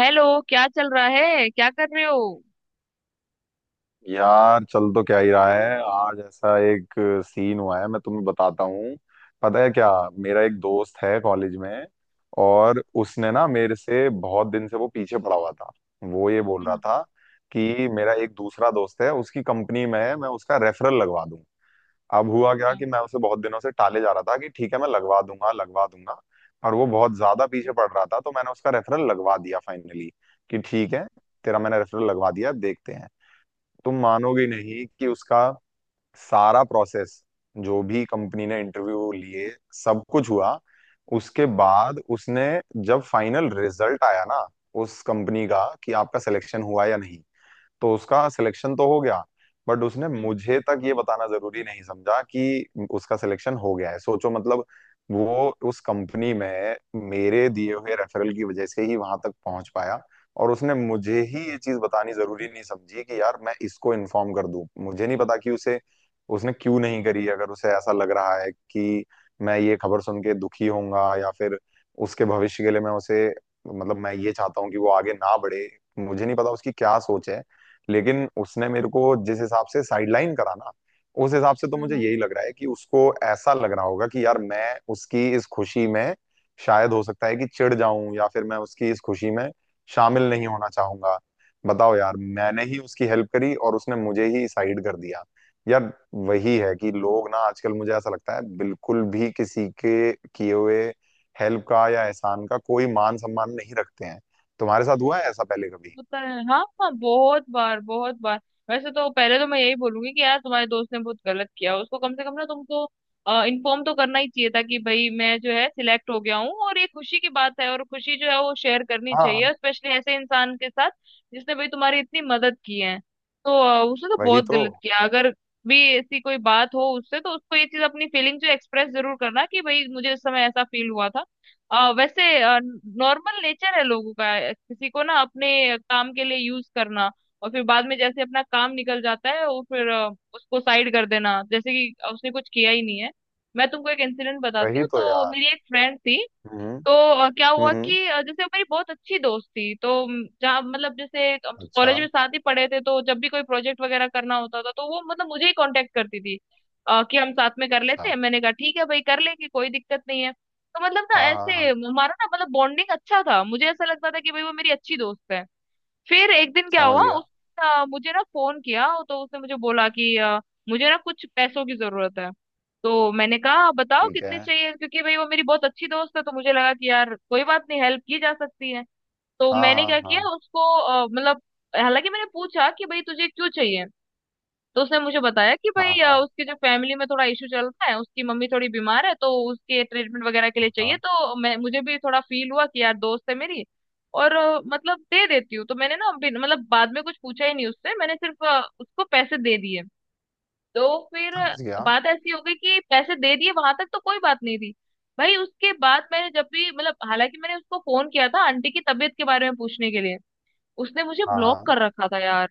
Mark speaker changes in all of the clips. Speaker 1: Hello. क्या चल रहा है, क्या कर रहे हो?
Speaker 2: यार चल तो क्या ही रहा है। आज ऐसा एक सीन हुआ है, मैं तुम्हें बताता हूँ। पता है क्या? मेरा एक दोस्त है कॉलेज में, और उसने ना मेरे से बहुत दिन से वो पीछे पड़ा हुआ था। वो ये बोल रहा
Speaker 1: हम्म।
Speaker 2: था कि मेरा एक दूसरा दोस्त है उसकी कंपनी में है, मैं उसका रेफरल लगवा दूं। अब हुआ क्या
Speaker 1: अच्छा।
Speaker 2: कि मैं उसे बहुत दिनों से टाले जा रहा था कि ठीक है मैं लगवा दूंगा, लगवा दूंगा। और वो बहुत ज्यादा पीछे पड़ रहा था, तो मैंने उसका रेफरल लगवा दिया फाइनली, कि ठीक है तेरा मैंने रेफरल लगवा दिया, अब देखते हैं। तुम मानोगे नहीं कि उसका सारा प्रोसेस, जो भी कंपनी ने इंटरव्यू लिए, सब कुछ हुआ, उसके बाद उसने, जब फाइनल रिजल्ट आया ना उस कंपनी का कि आपका सिलेक्शन हुआ या नहीं, तो उसका सिलेक्शन तो हो गया। बट उसने
Speaker 1: हम्म।
Speaker 2: मुझे तक ये बताना जरूरी नहीं समझा कि उसका सिलेक्शन हो गया है। सोचो मतलब, वो उस कंपनी में मेरे दिए हुए रेफरल की वजह से ही वहां तक पहुंच पाया, और उसने मुझे ही ये चीज बतानी जरूरी नहीं समझी कि यार मैं इसको इन्फॉर्म कर दूं। मुझे नहीं पता कि उसे, उसने क्यों नहीं करी। अगर उसे ऐसा लग रहा है कि मैं ये खबर सुन के दुखी होऊंगा, या फिर उसके भविष्य के लिए मैं उसे, मतलब मैं ये चाहता हूँ कि वो आगे ना बढ़े, मुझे नहीं पता उसकी क्या सोच है। लेकिन उसने मेरे को जिस हिसाब से साइडलाइन करा ना, उस हिसाब से तो
Speaker 1: हाँ,
Speaker 2: मुझे
Speaker 1: हाँ।
Speaker 2: यही लग रहा है कि उसको ऐसा लग रहा होगा कि यार मैं उसकी इस खुशी में शायद, हो सकता है कि चिढ़ जाऊं, या फिर मैं उसकी इस खुशी में शामिल नहीं होना चाहूंगा। बताओ यार, मैंने ही उसकी हेल्प करी और उसने मुझे ही साइड कर दिया। यार वही है कि लोग ना आजकल, मुझे ऐसा लगता है, बिल्कुल भी किसी के किए हुए हेल्प का या एहसान का कोई मान सम्मान नहीं रखते हैं। तुम्हारे साथ हुआ है ऐसा पहले कभी?
Speaker 1: होता है, हाँ हाँ, बहुत बार बहुत बार। वैसे तो पहले तो मैं यही बोलूंगी कि यार तुम्हारे दोस्त ने बहुत गलत किया। उसको कम से कम ना तुमको इन्फॉर्म तो करना ही चाहिए था कि भाई मैं जो है सिलेक्ट हो गया हूँ, और ये खुशी की बात है, और खुशी जो है वो शेयर करनी
Speaker 2: हाँ।
Speaker 1: चाहिए, स्पेशली ऐसे इंसान के साथ जिसने भाई तुम्हारी इतनी मदद की है। तो उसने तो
Speaker 2: वही
Speaker 1: बहुत
Speaker 2: तो
Speaker 1: गलत किया। अगर भी ऐसी कोई बात हो उससे तो उसको ये चीज अपनी फीलिंग जो एक्सप्रेस जरूर करना, कि भाई मुझे इस समय ऐसा फील हुआ था। वैसे नॉर्मल नेचर है लोगों का, किसी को ना अपने काम के लिए यूज करना, और फिर बाद में जैसे अपना काम निकल जाता है वो फिर उसको साइड कर देना, जैसे कि उसने कुछ किया ही नहीं है। मैं तुमको एक इंसिडेंट बताती
Speaker 2: वही
Speaker 1: हूँ।
Speaker 2: तो
Speaker 1: तो
Speaker 2: यार।
Speaker 1: मेरी एक फ्रेंड थी।
Speaker 2: हम्म,
Speaker 1: तो क्या हुआ
Speaker 2: हम्म।
Speaker 1: कि जैसे वो मेरी बहुत अच्छी दोस्त थी, तो जहाँ मतलब जैसे
Speaker 2: अच्छा।
Speaker 1: कॉलेज में साथ ही पढ़े थे, तो जब भी कोई प्रोजेक्ट वगैरह करना होता था तो वो मतलब मुझे ही कांटेक्ट करती थी, कि हम साथ में कर लेते
Speaker 2: अच्छा।
Speaker 1: हैं। मैंने कहा ठीक है भाई कर लेंगे, कोई दिक्कत नहीं है। तो मतलब ना
Speaker 2: हाँ, हाँ,
Speaker 1: ऐसे
Speaker 2: हाँ।
Speaker 1: हमारा ना मतलब बॉन्डिंग अच्छा था, मुझे ऐसा लगता था कि भाई वो मेरी अच्छी दोस्त है। फिर एक दिन क्या
Speaker 2: समझ
Speaker 1: हुआ,
Speaker 2: गया।
Speaker 1: उसने मुझे ना फोन किया, तो उसने मुझे बोला कि मुझे ना कुछ पैसों की जरूरत है। तो मैंने कहा बताओ
Speaker 2: ठीक है।
Speaker 1: कितने चाहिए, क्योंकि भाई वो मेरी बहुत अच्छी दोस्त है तो मुझे लगा कि यार कोई बात नहीं, हेल्प की जा सकती है। तो
Speaker 2: हाँ,
Speaker 1: मैंने
Speaker 2: हाँ,
Speaker 1: क्या किया,
Speaker 2: हाँ,
Speaker 1: उसको मतलब हालांकि मैंने पूछा कि भाई तुझे क्यों चाहिए। तो उसने मुझे बताया कि
Speaker 2: हाँ।
Speaker 1: भाई
Speaker 2: हाँ,
Speaker 1: उसके जो फैमिली में थोड़ा इशू चल रहा है, उसकी मम्मी थोड़ी बीमार है तो उसके ट्रीटमेंट वगैरह के लिए चाहिए।
Speaker 2: हाँ।
Speaker 1: तो मैं, मुझे भी थोड़ा फील हुआ कि यार दोस्त है मेरी और मतलब दे देती हूँ। तो मैंने ना मतलब बाद में कुछ पूछा ही नहीं उससे, मैंने सिर्फ उसको पैसे दे दिए। तो फिर
Speaker 2: समझ गया।
Speaker 1: बात ऐसी हो गई कि पैसे दे दिए, वहां तक तो कोई बात नहीं थी भाई। उसके बाद मैंने जब भी मतलब हालांकि मैंने उसको फोन किया था आंटी की तबीयत के बारे में पूछने के लिए, उसने मुझे
Speaker 2: हाँ,
Speaker 1: ब्लॉक
Speaker 2: हाँ।
Speaker 1: कर रखा था यार।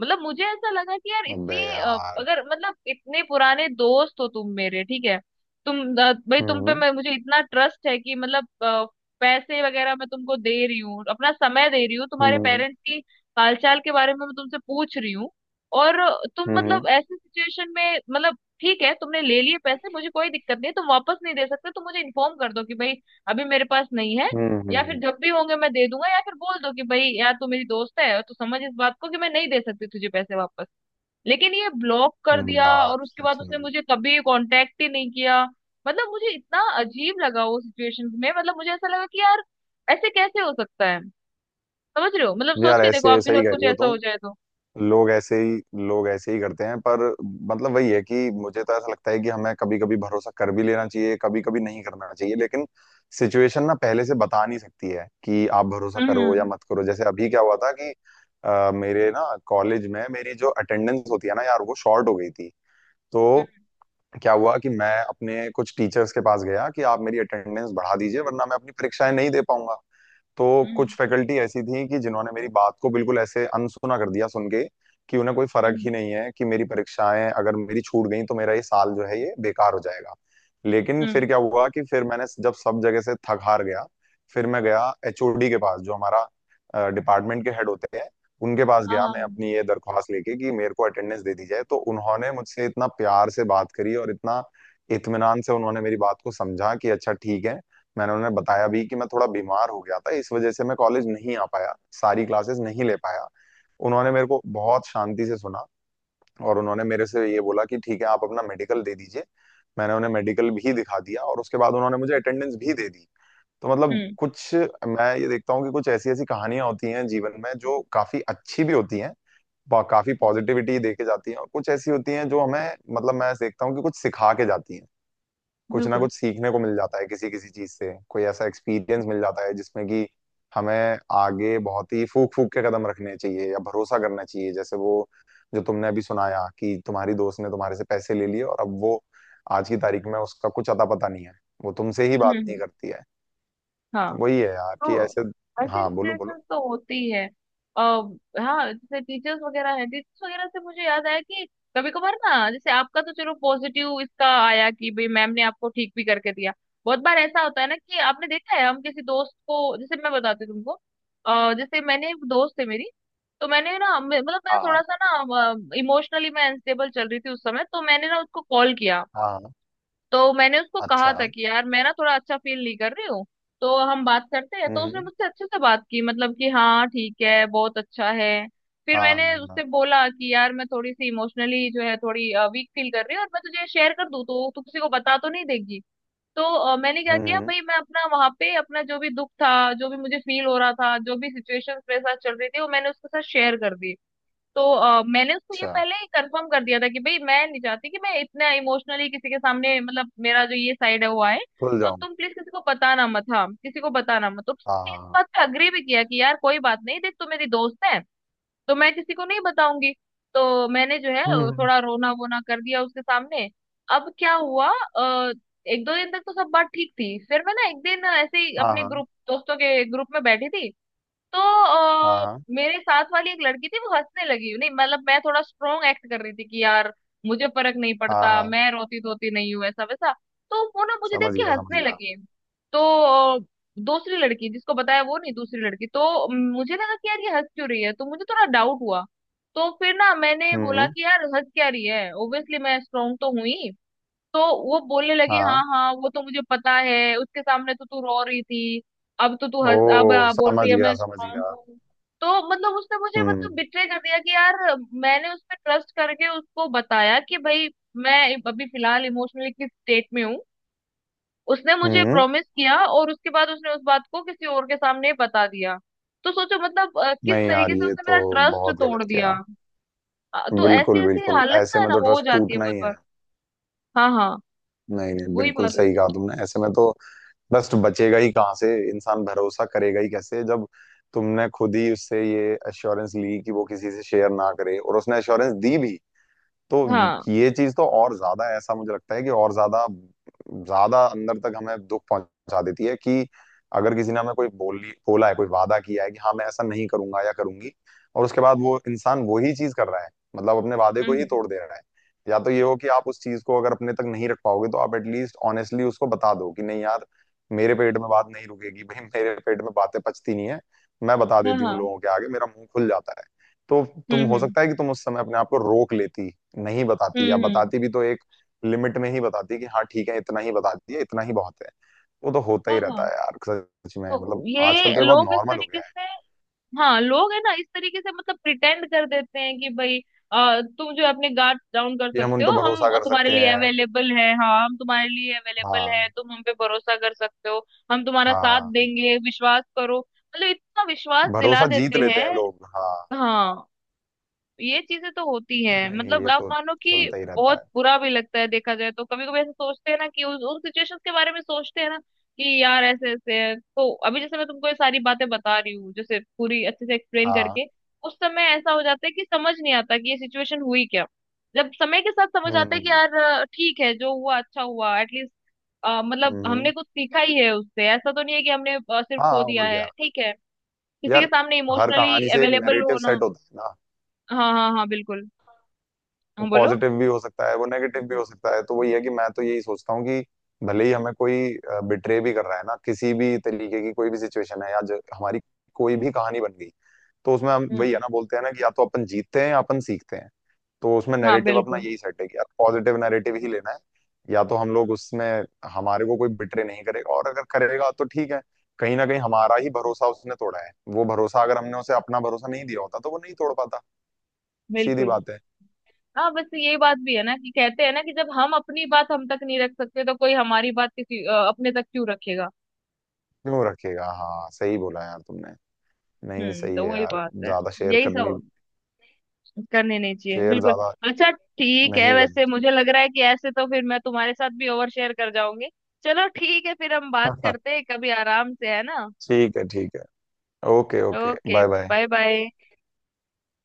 Speaker 1: मतलब मुझे ऐसा लगा कि यार
Speaker 2: अबे
Speaker 1: इतनी
Speaker 2: यार।
Speaker 1: अगर मतलब इतने पुराने दोस्त हो तुम मेरे, ठीक है तुम भाई तुम पे
Speaker 2: हम्म
Speaker 1: मैं, मुझे इतना ट्रस्ट है कि मतलब पैसे वगैरह मैं तुमको दे रही हूँ, अपना समय दे रही हूँ, तुम्हारे
Speaker 2: हम्म,
Speaker 1: पेरेंट्स की हालचाल के बारे में मैं तुमसे पूछ रही हूँ, और तुम
Speaker 2: हम्म। हम्म,
Speaker 1: मतलब ऐसी सिचुएशन में मतलब ठीक है तुमने ले लिए पैसे, मुझे कोई दिक्कत नहीं है, तुम वापस नहीं दे सकते तो मुझे इन्फॉर्म कर दो कि भाई अभी मेरे पास नहीं है,
Speaker 2: हम्म।
Speaker 1: या फिर जब भी होंगे मैं दे दूंगा, या फिर बोल दो कि भाई यार तू मेरी दोस्त है तो समझ इस बात को कि मैं नहीं दे सकती तुझे पैसे वापस। लेकिन ये ब्लॉक कर
Speaker 2: हम्म।
Speaker 1: दिया,
Speaker 2: यार
Speaker 1: और उसके बाद
Speaker 2: सच
Speaker 1: उसने
Speaker 2: में।
Speaker 1: मुझे कभी कांटेक्ट ही नहीं किया। मतलब मुझे इतना अजीब लगा वो सिचुएशन में, मतलब मुझे ऐसा लगा कि यार ऐसे कैसे हो सकता है? समझ रहे हो, मतलब सोच
Speaker 2: यार
Speaker 1: के देखो,
Speaker 2: ऐसे
Speaker 1: आपके
Speaker 2: सही
Speaker 1: साथ
Speaker 2: कह
Speaker 1: कुछ
Speaker 2: रही हो
Speaker 1: ऐसा हो
Speaker 2: तुम।
Speaker 1: जाए तो।
Speaker 2: लोग ऐसे ही, लोग ऐसे ही करते हैं पर। मतलब वही है कि मुझे तो ऐसा लगता है कि हमें कभी कभी भरोसा कर भी लेना चाहिए, कभी कभी नहीं करना चाहिए। लेकिन सिचुएशन ना पहले से बता नहीं सकती है कि आप भरोसा करो या
Speaker 1: हम्म।
Speaker 2: मत करो। जैसे अभी क्या हुआ था कि मेरे ना कॉलेज में मेरी जो अटेंडेंस होती है ना यार, वो शॉर्ट हो गई थी। तो
Speaker 1: हम्म।
Speaker 2: क्या हुआ कि मैं अपने कुछ टीचर्स के पास गया कि आप मेरी अटेंडेंस बढ़ा दीजिए, वरना मैं अपनी परीक्षाएं नहीं दे पाऊंगा। तो कुछ
Speaker 1: हम्म।
Speaker 2: फैकल्टी ऐसी थी कि जिन्होंने मेरी बात को बिल्कुल ऐसे अनसुना कर दिया सुन के, कि उन्हें कोई फर्क ही
Speaker 1: हम्म।
Speaker 2: नहीं है कि मेरी परीक्षाएं अगर मेरी छूट गई तो मेरा ये साल जो है ये बेकार हो जाएगा। लेकिन
Speaker 1: हम्म,
Speaker 2: फिर क्या हुआ कि फिर मैंने जब सब जगह से थक हार गया, फिर मैं गया एचओडी के पास, जो हमारा डिपार्टमेंट के हेड होते हैं, उनके पास
Speaker 1: हाँ
Speaker 2: गया
Speaker 1: हाँ
Speaker 2: मैं
Speaker 1: हाँ।
Speaker 2: अपनी ये दरख्वास्त लेके कि मेरे को अटेंडेंस दे दी जाए। तो उन्होंने मुझसे इतना प्यार से बात करी, और इतना इत्मीनान से उन्होंने मेरी बात को समझा कि अच्छा ठीक है। मैंने उन्हें बताया भी कि मैं थोड़ा बीमार हो गया था, इस वजह से मैं कॉलेज नहीं आ पाया, सारी क्लासेस नहीं ले पाया। उन्होंने मेरे को बहुत शांति से सुना, और उन्होंने मेरे से ये बोला कि ठीक है आप अपना मेडिकल दे दीजिए। मैंने उन्हें मेडिकल भी दिखा दिया, और उसके बाद उन्होंने मुझे अटेंडेंस भी दे दी। तो मतलब
Speaker 1: हम्म
Speaker 2: कुछ, मैं ये देखता हूँ कि कुछ ऐसी ऐसी कहानियां होती हैं जीवन में जो काफी अच्छी भी होती हैं, काफी
Speaker 1: हम्म।
Speaker 2: पॉजिटिविटी दे के जाती हैं। और कुछ ऐसी होती हैं जो हमें, मतलब मैं देखता हूँ कि कुछ सिखा के जाती हैं। कुछ ना
Speaker 1: बिल्कुल।
Speaker 2: कुछ सीखने को मिल जाता है, किसी किसी चीज से कोई ऐसा एक्सपीरियंस मिल जाता है जिसमें कि हमें आगे बहुत ही फूक फूक के कदम रखने चाहिए, या भरोसा करना चाहिए। जैसे वो जो तुमने अभी सुनाया कि तुम्हारी दोस्त ने तुम्हारे से पैसे ले लिए, और अब वो आज की तारीख में उसका कुछ अता पता नहीं है, वो तुमसे ही बात नहीं
Speaker 1: हम्म।
Speaker 2: करती है। तो
Speaker 1: हाँ।
Speaker 2: वही है यार कि
Speaker 1: तो
Speaker 2: ऐसे।
Speaker 1: ऐसी
Speaker 2: हाँ, बोलो बोलो।
Speaker 1: सिचुएशन तो होती है। अब हाँ जैसे टीचर्स वगैरह हैं, टीचर्स वगैरह से मुझे याद आया कि कभी कभार ना, जैसे आपका तो चलो पॉजिटिव इसका आया कि भाई मैम ने आपको ठीक भी करके दिया। बहुत बार ऐसा होता है ना कि आपने देखा है, हम किसी दोस्त को, जैसे मैं बताती हूँ तुमको, जैसे मैंने, एक दोस्त है मेरी। तो मैंने ना मतलब मैं
Speaker 2: हाँ,
Speaker 1: थोड़ा सा ना इमोशनली मैं अनस्टेबल चल रही थी उस समय, तो मैंने ना उसको कॉल किया।
Speaker 2: हाँ।
Speaker 1: तो मैंने उसको कहा
Speaker 2: अच्छा।
Speaker 1: था
Speaker 2: हम्म,
Speaker 1: कि यार मैं ना थोड़ा अच्छा फील नहीं कर रही हूँ, तो हम बात करते हैं? तो उसने
Speaker 2: हम्म।
Speaker 1: मुझसे अच्छे से बात की, मतलब कि हाँ ठीक है बहुत अच्छा है। फिर
Speaker 2: हाँ,
Speaker 1: मैंने
Speaker 2: हाँ।
Speaker 1: उससे बोला कि यार मैं थोड़ी सी इमोशनली जो है थोड़ी वीक फील कर रही हूँ, और मैं तुझे शेयर कर दूँ तो तू किसी को बता तो नहीं देगी? तो मैंने क्या
Speaker 2: हम्म,
Speaker 1: किया भाई, मैं अपना वहां पे अपना जो भी दुख था, जो भी मुझे फील हो रहा था, जो भी सिचुएशन मेरे साथ चल रही थी, वो मैंने उसके साथ शेयर कर दी। तो मैंने उसको ये
Speaker 2: अच्छा।
Speaker 1: पहले ही कंफर्म कर दिया था कि भाई मैं नहीं चाहती कि मैं इतना इमोशनली किसी के सामने, मतलब मेरा जो ये साइड है वो आए,
Speaker 2: खुल
Speaker 1: तो
Speaker 2: जाऊं।
Speaker 1: तुम प्लीज किसी को बताना मत, हाँ किसी को बताना मत। तो
Speaker 2: हाँ,
Speaker 1: उसने इस
Speaker 2: हाँ।
Speaker 1: बात पे अग्री भी किया कि यार कोई बात नहीं, देख तू मेरी दोस्त है तो मैं किसी को नहीं बताऊंगी। तो मैंने जो है
Speaker 2: हम्म।
Speaker 1: थोड़ा रोना वोना कर दिया उसके सामने। अब क्या हुआ, एक दो दिन तक तो सब बात ठीक थी। फिर मैं ना एक दिन ऐसे ही
Speaker 2: हाँ,
Speaker 1: अपने
Speaker 2: हाँ,
Speaker 1: ग्रुप, दोस्तों के ग्रुप में बैठी थी। तो अ,
Speaker 2: हाँ,
Speaker 1: मेरे साथ वाली एक लड़की थी, वो हंसने लगी। नहीं मतलब मैं थोड़ा स्ट्रोंग एक्ट कर रही थी कि यार मुझे फर्क नहीं
Speaker 2: हाँ। हाँ,
Speaker 1: पड़ता,
Speaker 2: हाँ, हाँ।
Speaker 1: मैं रोती धोती नहीं हूँ ऐसा वैसा। तो वो ना मुझे देख
Speaker 2: समझ
Speaker 1: के
Speaker 2: गया, समझ
Speaker 1: हंसने
Speaker 2: गया।
Speaker 1: लगी। तो अ, दूसरी लड़की जिसको बताया वो नहीं, दूसरी लड़की। तो मुझे लगा कि यार ये हंस क्यों रही है, तो मुझे थोड़ा डाउट हुआ। तो फिर ना मैंने बोला
Speaker 2: हम्म।
Speaker 1: कि यार हंस क्या रही है, ओब्वियसली मैं स्ट्रोंग तो हुई। तो वो बोलने लगी हाँ
Speaker 2: हाँ।
Speaker 1: हाँ वो तो मुझे पता है, उसके सामने तो तू रो रही थी, अब तो तू
Speaker 2: ओ,
Speaker 1: हंस, अब बोल
Speaker 2: समझ
Speaker 1: रही है
Speaker 2: गया,
Speaker 1: मैं
Speaker 2: समझ
Speaker 1: स्ट्रांग
Speaker 2: गया।
Speaker 1: हूँ। तो मतलब उसने मुझे मतलब
Speaker 2: हम्म,
Speaker 1: बिट्रे कर दिया कि यार मैंने उस पे ट्रस्ट करके उसको बताया कि भाई मैं अभी फिलहाल इमोशनली किस स्टेट में हूँ। उसने मुझे
Speaker 2: हम्म।
Speaker 1: प्रॉमिस किया और उसके बाद उसने उस बात को किसी और के सामने बता दिया। तो सोचो मतलब किस
Speaker 2: नहीं यार,
Speaker 1: तरीके से
Speaker 2: ये
Speaker 1: उसने
Speaker 2: तो
Speaker 1: मेरा ट्रस्ट
Speaker 2: बहुत
Speaker 1: तोड़
Speaker 2: गलत
Speaker 1: दिया।
Speaker 2: किया।
Speaker 1: तो ऐसी
Speaker 2: बिल्कुल,
Speaker 1: ऐसी
Speaker 2: बिल्कुल,
Speaker 1: हालत ना
Speaker 2: ऐसे
Speaker 1: है
Speaker 2: में
Speaker 1: ना
Speaker 2: तो
Speaker 1: हो
Speaker 2: ट्रस्ट
Speaker 1: जाती है
Speaker 2: टूटना
Speaker 1: बहुत
Speaker 2: ही है।
Speaker 1: बार। हाँ हाँ।
Speaker 2: नहीं, नहीं,
Speaker 1: वही
Speaker 2: बिल्कुल
Speaker 1: बात है।
Speaker 2: सही कहा तुमने। ऐसे में तो ट्रस्ट बचेगा ही कहाँ से? इंसान भरोसा करेगा ही कैसे, जब तुमने खुद ही उससे ये एश्योरेंस ली कि वो किसी से शेयर ना करे, और उसने एश्योरेंस दी भी। तो
Speaker 1: हाँ।
Speaker 2: ये चीज तो और ज्यादा, ऐसा मुझे लगता है कि और ज्यादा, ज्यादा अंदर तक हमें दुख पहुंचा देती है, कि अगर किसी ने हमें कोई बोली बोला है, कोई वादा किया है कि हाँ मैं ऐसा नहीं करूंगा या करूंगी, और उसके बाद वो इंसान वही चीज कर रहा है, मतलब अपने वादे को ही
Speaker 1: हम्म।
Speaker 2: तोड़ दे रहा है। या तो ये हो कि आप उस चीज को अगर अपने तक नहीं रख पाओगे तो आप एटलीस्ट ऑनेस्टली उसको बता दो कि नहीं यार, मेरे पेट में बात नहीं रुकेगी भाई, मेरे पेट में बातें पचती नहीं है, मैं बता
Speaker 1: हाँ
Speaker 2: देती हूँ,
Speaker 1: हाँ।
Speaker 2: लोगों के आगे मेरा मुंह खुल जाता है। तो तुम,
Speaker 1: हम्म।
Speaker 2: हो
Speaker 1: हम्म।
Speaker 2: सकता है कि तुम उस समय अपने आप को रोक लेती, नहीं बताती, या
Speaker 1: हम्म।
Speaker 2: बताती भी तो एक लिमिट में ही बताती है कि हाँ ठीक है, इतना ही बताती है, इतना ही बहुत है। वो तो होता
Speaker 1: हाँ
Speaker 2: ही
Speaker 1: हाँ।
Speaker 2: रहता है यार, सच में,
Speaker 1: तो
Speaker 2: मतलब आजकल
Speaker 1: ये
Speaker 2: तो ये बहुत
Speaker 1: लोग इस
Speaker 2: नॉर्मल हो
Speaker 1: तरीके
Speaker 2: गया है
Speaker 1: से, हाँ लोग है ना इस तरीके से मतलब प्रिटेंड कर देते हैं कि भाई तुम जो अपने गार्ड डाउन कर
Speaker 2: कि हम
Speaker 1: सकते
Speaker 2: उन पर
Speaker 1: हो,
Speaker 2: भरोसा
Speaker 1: हम
Speaker 2: कर
Speaker 1: तुम्हारे
Speaker 2: सकते
Speaker 1: लिए
Speaker 2: हैं।
Speaker 1: अवेलेबल है, हाँ हम तुम्हारे लिए अवेलेबल
Speaker 2: हाँ,
Speaker 1: है, तुम हम पे भरोसा कर सकते हो, हम तुम्हारा साथ
Speaker 2: हाँ।
Speaker 1: देंगे, विश्वास करो, मतलब इतना विश्वास दिला
Speaker 2: भरोसा जीत
Speaker 1: देते
Speaker 2: लेते हैं
Speaker 1: हैं।
Speaker 2: लोग, हाँ।
Speaker 1: हाँ ये चीजें तो होती हैं,
Speaker 2: नहीं,
Speaker 1: मतलब
Speaker 2: ये
Speaker 1: आप
Speaker 2: तो
Speaker 1: मानो कि
Speaker 2: चलता ही रहता
Speaker 1: बहुत
Speaker 2: है।
Speaker 1: बुरा भी लगता है, देखा जाए तो कभी कभी ऐसा सोचते हैं ना कि उस, उन सिचुएशंस के बारे में सोचते हैं ना कि यार ऐसे ऐसे है, तो अभी जैसे मैं तुमको ये सारी बातें बता रही हूँ जैसे पूरी अच्छे से एक्सप्लेन
Speaker 2: हाँ।
Speaker 1: करके, उस समय ऐसा हो जाता है कि समझ नहीं आता कि ये सिचुएशन हुई क्या। जब समय के साथ समझ
Speaker 2: हम्म,
Speaker 1: आता है कि
Speaker 2: हम्म।
Speaker 1: यार ठीक है, जो हुआ अच्छा हुआ, एटलीस्ट मतलब
Speaker 2: हम्म।
Speaker 1: हमने कुछ सीखा ही है उससे, ऐसा तो नहीं है कि हमने सिर्फ खो
Speaker 2: हाँ,
Speaker 1: दिया
Speaker 2: और
Speaker 1: है।
Speaker 2: क्या।
Speaker 1: ठीक है, किसी के
Speaker 2: यार,
Speaker 1: सामने
Speaker 2: हर
Speaker 1: इमोशनली
Speaker 2: कहानी से एक
Speaker 1: अवेलेबल
Speaker 2: नैरेटिव
Speaker 1: होना।
Speaker 2: सेट होता है ना।
Speaker 1: हाँ हाँ हाँ बिल्कुल।
Speaker 2: वो
Speaker 1: हाँ बोलो।
Speaker 2: पॉजिटिव भी हो सकता है, वो नेगेटिव भी हो सकता है। तो वही है कि मैं तो यही सोचता हूँ कि भले ही हमें कोई बिट्रे भी कर रहा है ना, किसी भी तरीके की कोई भी सिचुएशन है, या जो हमारी कोई भी कहानी बन गई, तो उसमें हम वही है
Speaker 1: हम्म।
Speaker 2: ना, बोलते हैं ना कि या तो अपन जीतते हैं या अपन सीखते हैं। तो उसमें
Speaker 1: हाँ
Speaker 2: नैरेटिव अपना
Speaker 1: बिल्कुल
Speaker 2: यही सेट है कि यार, पॉजिटिव नैरेटिव ही लेना है। या तो हम लोग उसमें, हमारे को कोई बिट्रे नहीं करेगा, और अगर करेगा तो ठीक है, कहीं ना कहीं हमारा ही भरोसा उसने तोड़ा है। वो भरोसा अगर हमने उसे अपना भरोसा नहीं दिया होता तो वो नहीं तोड़ पाता। सीधी
Speaker 1: बिल्कुल।
Speaker 2: बात है।
Speaker 1: हाँ बस ये बात भी है ना कि कहते हैं ना कि जब हम अपनी बात हम तक नहीं रख सकते, तो कोई हमारी बात किसी, अपने तक क्यों रखेगा।
Speaker 2: क्यों रखेगा? हाँ, सही बोला यार तुमने। नहीं,
Speaker 1: हम्म,
Speaker 2: सही
Speaker 1: तो
Speaker 2: है
Speaker 1: वही
Speaker 2: यार,
Speaker 1: बात है,
Speaker 2: ज्यादा शेयर
Speaker 1: यही
Speaker 2: करनी,
Speaker 1: सब करने नहीं चाहिए
Speaker 2: शेयर
Speaker 1: बिल्कुल।
Speaker 2: ज्यादा
Speaker 1: अच्छा ठीक है,
Speaker 2: नहीं करनी
Speaker 1: वैसे
Speaker 2: चाहिए।
Speaker 1: मुझे लग रहा है कि ऐसे तो फिर मैं तुम्हारे साथ भी ओवर शेयर कर जाऊंगी। चलो ठीक है, फिर हम बात करते हैं कभी आराम से, है ना।
Speaker 2: ठीक है, ठीक है। Okay, okay,
Speaker 1: okay,
Speaker 2: bye bye.
Speaker 1: Bye bye.